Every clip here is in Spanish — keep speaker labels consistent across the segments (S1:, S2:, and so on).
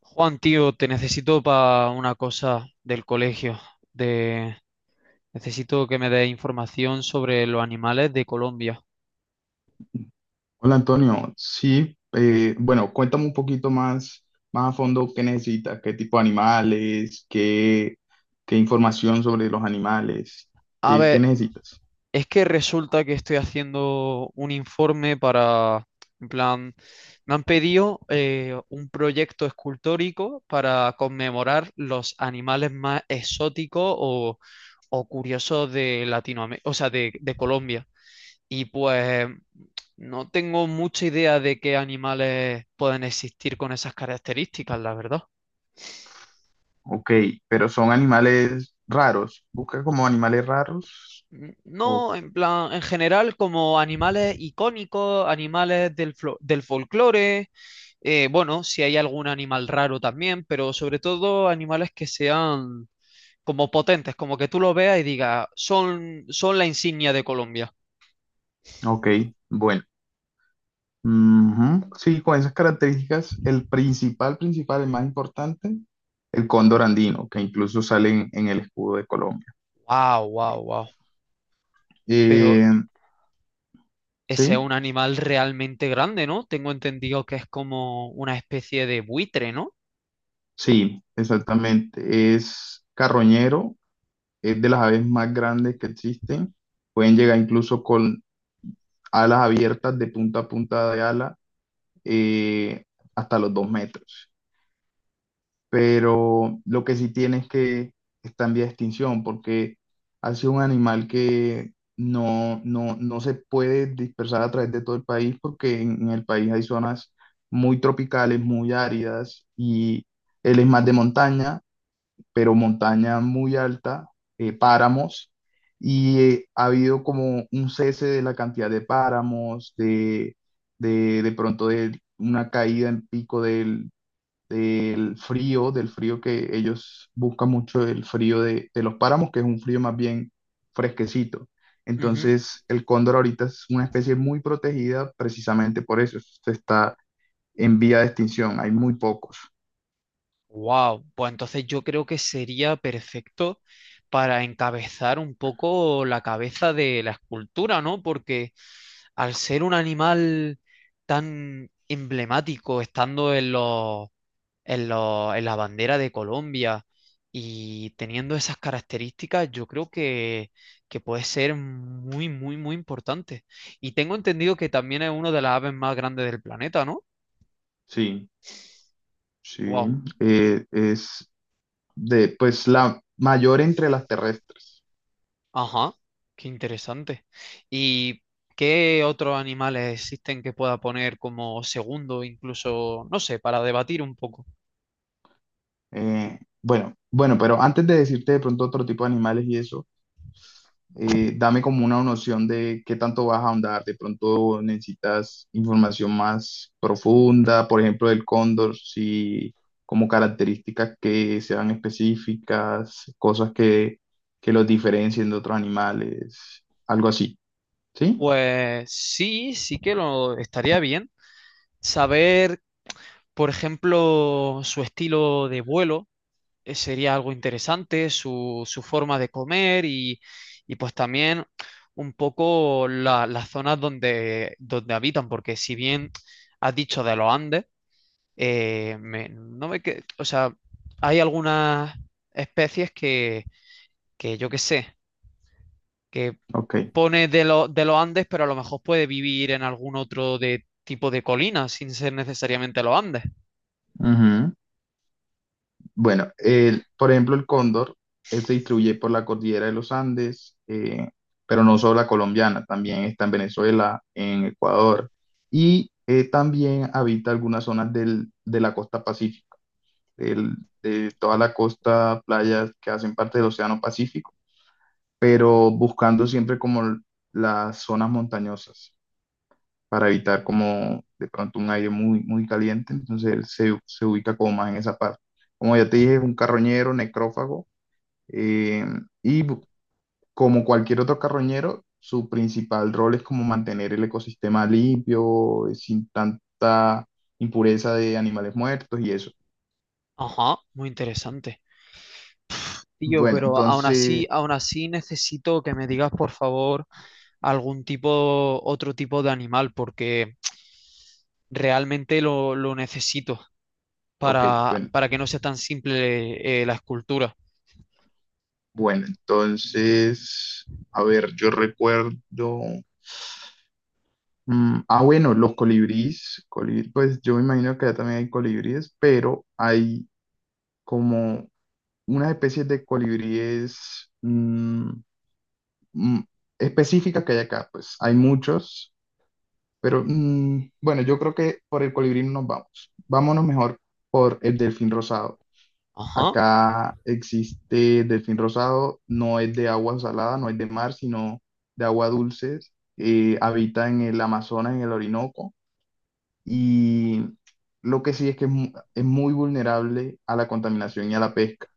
S1: Juan, tío, te necesito para una cosa del colegio. De... Necesito que me des información sobre los animales de Colombia.
S2: Hola Antonio, sí, bueno, cuéntame un poquito más, más a fondo qué necesitas, qué tipo de animales, qué información sobre los animales,
S1: A
S2: qué
S1: ver,
S2: necesitas.
S1: es que resulta que estoy haciendo un informe para, en plan, me han pedido un proyecto escultórico para conmemorar los animales más exóticos o curiosos de Latinoamérica, o sea, de Colombia. Y pues no tengo mucha idea de qué animales pueden existir con esas características, la verdad.
S2: Ok, pero son animales raros, busca como animales raros. O-
S1: No, en plan, en general, como animales icónicos, animales del, del folclore, bueno, si hay algún animal raro también, pero sobre todo animales que sean como potentes, como que tú lo veas y digas, son, son la insignia de Colombia.
S2: ok, bueno. Ujú, sí, con esas características, el principal, principal, el más importante, el cóndor andino, que incluso sale en el escudo de Colombia.
S1: Wow, wow, wow. Pero
S2: Eh,
S1: ese es
S2: sí.
S1: un animal realmente grande, ¿no? Tengo entendido que es como una especie de buitre, ¿no?
S2: Sí, exactamente. Es carroñero, es de las aves más grandes que existen. Pueden llegar incluso con alas abiertas de punta a punta de ala eh, hasta los 2 metros. Pero lo que sí tiene es que está en vía de extinción porque ha sido un animal que no, no se puede dispersar a través de todo el país porque en el país hay zonas muy tropicales, muy áridas y él es más de montaña pero montaña muy alta, páramos, y ha habido como un cese de la cantidad de páramos, de pronto de una caída en pico del frío que ellos buscan mucho, el frío de los páramos, que es un frío más bien fresquecito. Entonces, el cóndor ahorita es una especie muy protegida precisamente por eso, se está en vía de extinción, hay muy pocos.
S1: Wow, pues entonces yo creo que sería perfecto para encabezar un poco la cabeza de la escultura, ¿no? Porque al ser un animal tan emblemático, estando en los en la bandera de Colombia. Y teniendo esas características, yo creo que puede ser muy, muy, muy importante. Y tengo entendido que también es una de las aves más grandes del planeta, ¿no?
S2: Sí, sí,
S1: Wow.
S2: eh, es, de, pues la mayor entre las terrestres.
S1: Ajá. Qué interesante. ¿Y qué otros animales existen que pueda poner como segundo, incluso, no sé, para debatir un poco?
S2: Bueno, bueno, pero antes de decirte de pronto otro tipo de animales y eso, dame como una noción de qué tanto vas a ahondar. De pronto necesitas información más profunda, por ejemplo, del cóndor, si como características que sean específicas, cosas que los diferencien de otros animales, algo así, ¿sí?
S1: Pues sí, sí que lo estaría bien. Saber, por ejemplo, su estilo de vuelo sería algo interesante, su forma de comer y pues también un poco las zonas donde, donde habitan, porque si bien has dicho de los Andes, me- no me que, o sea, hay algunas especies que yo qué sé, que
S2: Ok.
S1: pone de, de los Andes, pero a lo mejor puede vivir en algún otro de, tipo de colina sin ser necesariamente los Andes.
S2: Ujú. Bueno, el- por ejemplo, el cóndor, él se distribuye por la cordillera de los Andes, pero no solo la colombiana, también está en Venezuela, en Ecuador, y también habita algunas zonas del- de la costa pacífica, del- de toda la costa, playas que hacen parte del Océano Pacífico, pero buscando siempre como las zonas montañosas para evitar como de pronto un aire muy, muy caliente, entonces él se, se ubica como más en esa parte. Como ya te dije, es un carroñero, necrófago, eh, y bu- como cualquier otro carroñero, su principal rol es como mantener el ecosistema limpio, sin tanta impureza de animales muertos y eso.
S1: Ajá, muy interesante. Tío,
S2: Bueno,
S1: pero
S2: entonces,
S1: aún así necesito que me digas, por favor, algún tipo, otro tipo de animal, porque realmente lo necesito
S2: ok, bueno,
S1: para que no sea tan simple, la escultura.
S2: bueno, entonces, a ver, yo recuerdo, ah, bueno, los colibríes, colibrí, pues yo me imagino que allá también hay colibríes, pero hay como unas especies de colibríes mm, específicas que hay acá, pues hay muchos, pero bueno, yo creo que por el colibrí no nos vamos. Vámonos mejor por el delfín rosado.
S1: Ajá,
S2: Acá existe delfín rosado, no es de agua salada, no es de mar, sino de agua dulce. Habita en el Amazonas, en el Orinoco, y lo que sí es que mu- es muy vulnerable a la contaminación y a la pesca.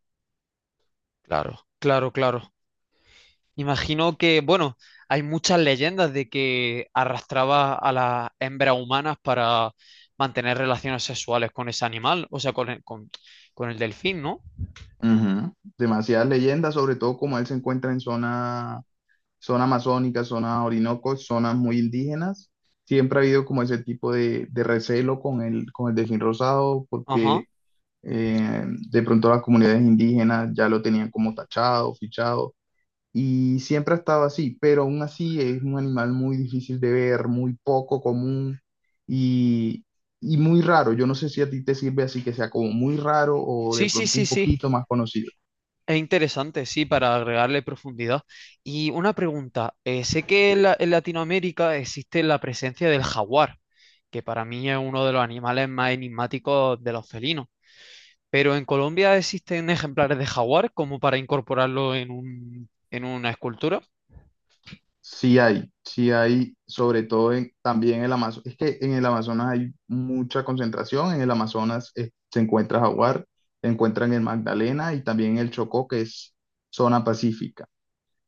S1: claro, claro, claro. Imagino que, bueno, hay muchas leyendas de que arrastraba a las hembras humanas para mantener relaciones sexuales con ese animal, o sea, con el delfín, ¿no?
S2: Ujú. Demasiadas leyendas, sobre todo como él se encuentra en zona amazónica, zona Orinoco, zonas muy indígenas. Siempre ha habido como ese tipo de recelo con con el delfín rosado
S1: Ajá.
S2: porque eh, de pronto las comunidades indígenas ya lo tenían como tachado, fichado y siempre ha estado así, pero aún así es un animal muy difícil de ver, muy poco común y, y muy raro. Yo no sé si a ti te sirve así que sea como muy raro o
S1: Sí,
S2: de
S1: sí,
S2: pronto
S1: sí,
S2: un
S1: sí.
S2: poquito más conocido.
S1: Es interesante, sí, para agregarle profundidad. Y una pregunta, sé que en, en Latinoamérica existe la presencia del jaguar, que para mí es uno de los animales más enigmáticos de los felinos, pero en Colombia existen ejemplares de jaguar como para incorporarlo en un, en una escultura.
S2: Sí hay, sobre todo en- también en el Amazonas. Es que en el Amazonas hay mucha concentración. En el Amazonas se encuentra jaguar, se encuentra en el Magdalena y también en el Chocó, que es zona pacífica.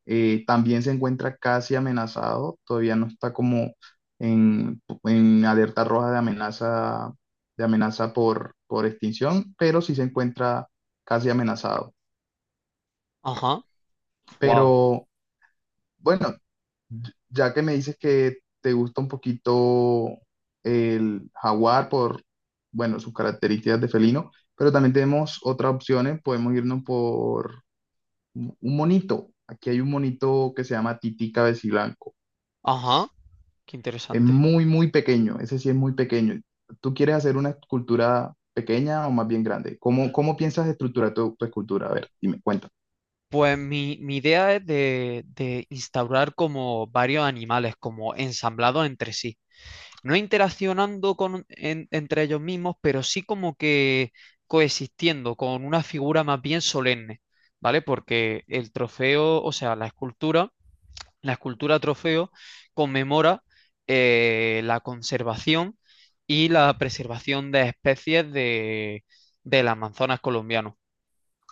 S2: También se encuentra casi amenazado, todavía no está como en alerta roja de amenaza por extinción, pero sí se encuentra casi amenazado.
S1: Ajá, wow,
S2: Pero bueno. Ya que me dices que te gusta un poquito el jaguar por, bueno, sus características de felino, pero también tenemos otras opciones. Podemos irnos por un monito. Aquí hay un monito que se llama Tití Cabeciblanco.
S1: ajá, qué
S2: Es
S1: interesante.
S2: muy, muy pequeño. Ese sí es muy pequeño. ¿Tú quieres hacer una escultura pequeña o más bien grande? ¿Cómo, cómo piensas estructurar tu, tu escultura? A ver, dime, cuenta.
S1: Pues mi idea es de instaurar como varios animales, como ensamblados entre sí. No interaccionando con, entre ellos mismos, pero sí como que coexistiendo con una figura más bien solemne, ¿vale? Porque el trofeo, o sea, la escultura trofeo conmemora la conservación y la preservación de especies de, del Amazonas colombiano.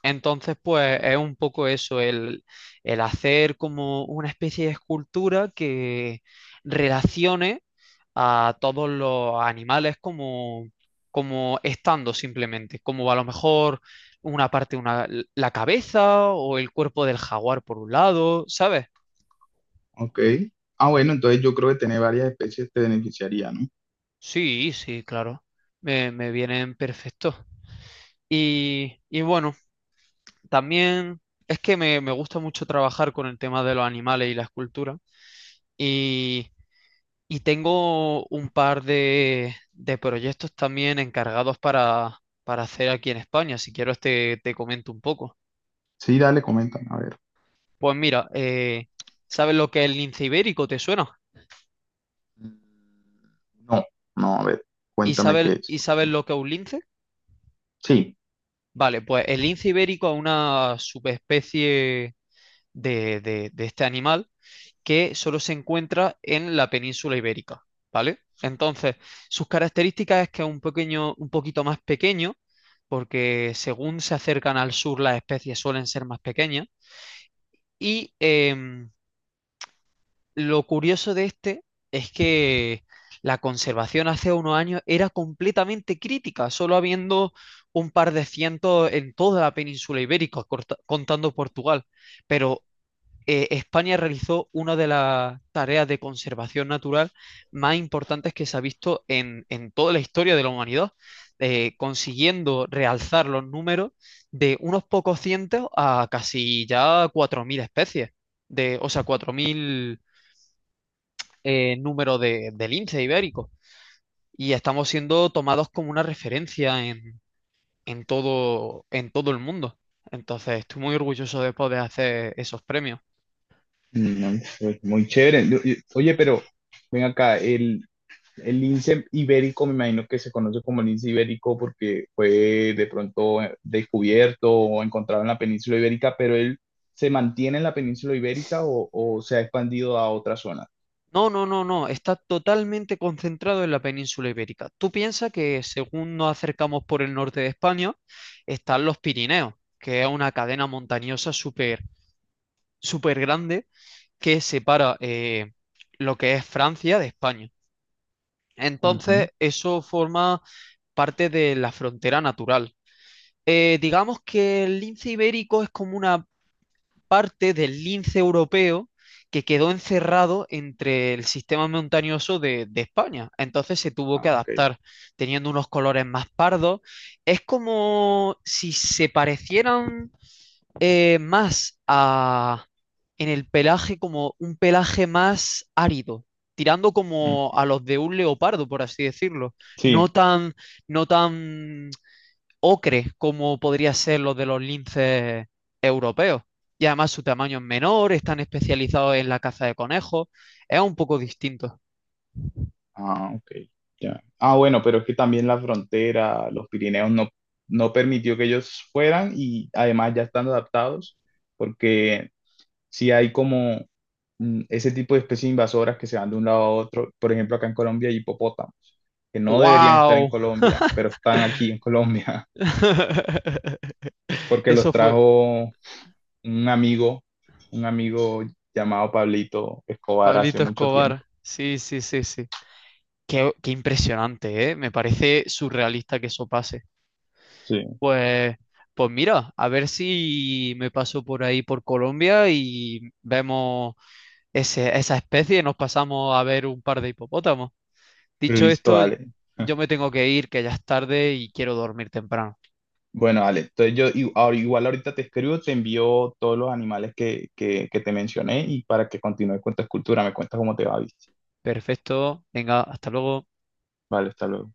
S1: Entonces, pues es un poco eso, el hacer como una especie de escultura que relacione a todos los animales como, como estando simplemente, como a lo mejor una parte, una, la cabeza o el cuerpo del jaguar por un lado, ¿sabes?
S2: Ok. Ah, bueno, entonces yo creo que tener varias especies te beneficiaría, ¿no?
S1: Sí, sí, claro, me vienen perfectos. Y bueno, también es que me gusta mucho trabajar con el tema de los animales y la escultura. Y Y tengo un par de proyectos también encargados para hacer aquí en España. Si quieres te, te comento un poco.
S2: Sí, dale, comenta, a ver.
S1: Pues mira, ¿sabes lo que es el lince ibérico? ¿Te suena?
S2: Mm, no, no, a ver, cuéntame qué es.
S1: Y sabes lo que es un lince?
S2: Sí,
S1: Vale, pues el lince ibérico es una subespecie de, de este animal que solo se encuentra en la península ibérica, ¿vale? Entonces, sus características es que es un pequeño, un poquito más pequeño, porque según se acercan al sur las especies suelen ser más pequeñas. Y lo curioso de este es que la conservación hace unos años era completamente crítica, solo habiendo un par de cientos en toda la península ibérica, contando Portugal. Pero España realizó una de las tareas de conservación natural más importantes que se ha visto en toda la historia de la humanidad, consiguiendo realzar los números de unos pocos cientos a casi ya 4.000 especies, de, o sea, 4.000 números de lince ibérico. Y estamos siendo tomados como una referencia en todo el mundo. Entonces, estoy muy orgulloso de poder hacer esos premios.
S2: no, pues, muy chévere. Yo- yo- oye, pero ven acá, el lince ibérico, me imagino que se conoce como lince ibérico porque fue de pronto descubierto o encontrado en la península ibérica, pero él se mantiene en la península ibérica o se ha expandido a otra zona.
S1: No, no, no, no, está totalmente concentrado en la península ibérica. Tú piensas que según nos acercamos por el norte de España, están los Pirineos, que es una cadena montañosa súper, súper grande que separa lo que es Francia de España. Entonces,
S2: Ujú.
S1: eso forma parte de la frontera natural. Digamos que el lince ibérico es como una parte del lince europeo que quedó encerrado entre el sistema montañoso de España. Entonces se tuvo que
S2: Ah, ok.
S1: adaptar, teniendo unos colores más pardos. Es como si se parecieran más a, en el pelaje, como un pelaje más árido, tirando
S2: Mm.
S1: como a los de un leopardo, por así decirlo. No
S2: Sí.
S1: tan, no tan ocre, como podría ser los de los linces europeos. Y además su tamaño es menor, están especializados en la caza de conejos, es un poco distinto.
S2: Ah, ok, ya. Ah, bueno, pero es que también la frontera, los Pirineos no, no permitió que ellos fueran y además ya están adaptados porque si hay como ese tipo de especies invasoras que se van de un lado a otro, por ejemplo acá en Colombia hay hipopótamos que no deberían estar en
S1: ¡Wow!
S2: Colombia, pero están aquí en Colombia porque los
S1: Eso fue
S2: trajo un amigo, un amigo llamado Pablito Escobar hace
S1: Pablito
S2: mucho tiempo.
S1: Escobar. Sí, sí, sí, sí. Qué, qué impresionante, ¿eh? Me parece surrealista que eso pase.
S2: Sí.
S1: Pues, pues mira, a ver si me paso por ahí por Colombia y vemos esa especie y nos pasamos a ver un par de hipopótamos. Dicho
S2: Listo,
S1: esto,
S2: dale.
S1: yo me tengo que ir, que ya es tarde y quiero dormir temprano.
S2: Bueno, Ale, entonces yo i- ahora- igual ahorita te escribo, te envío todos los animales que te mencioné y para que continúes con tu escultura, me cuentas cómo te va, ¿viste?
S1: Perfecto, venga, hasta luego.
S2: Vale, hasta luego.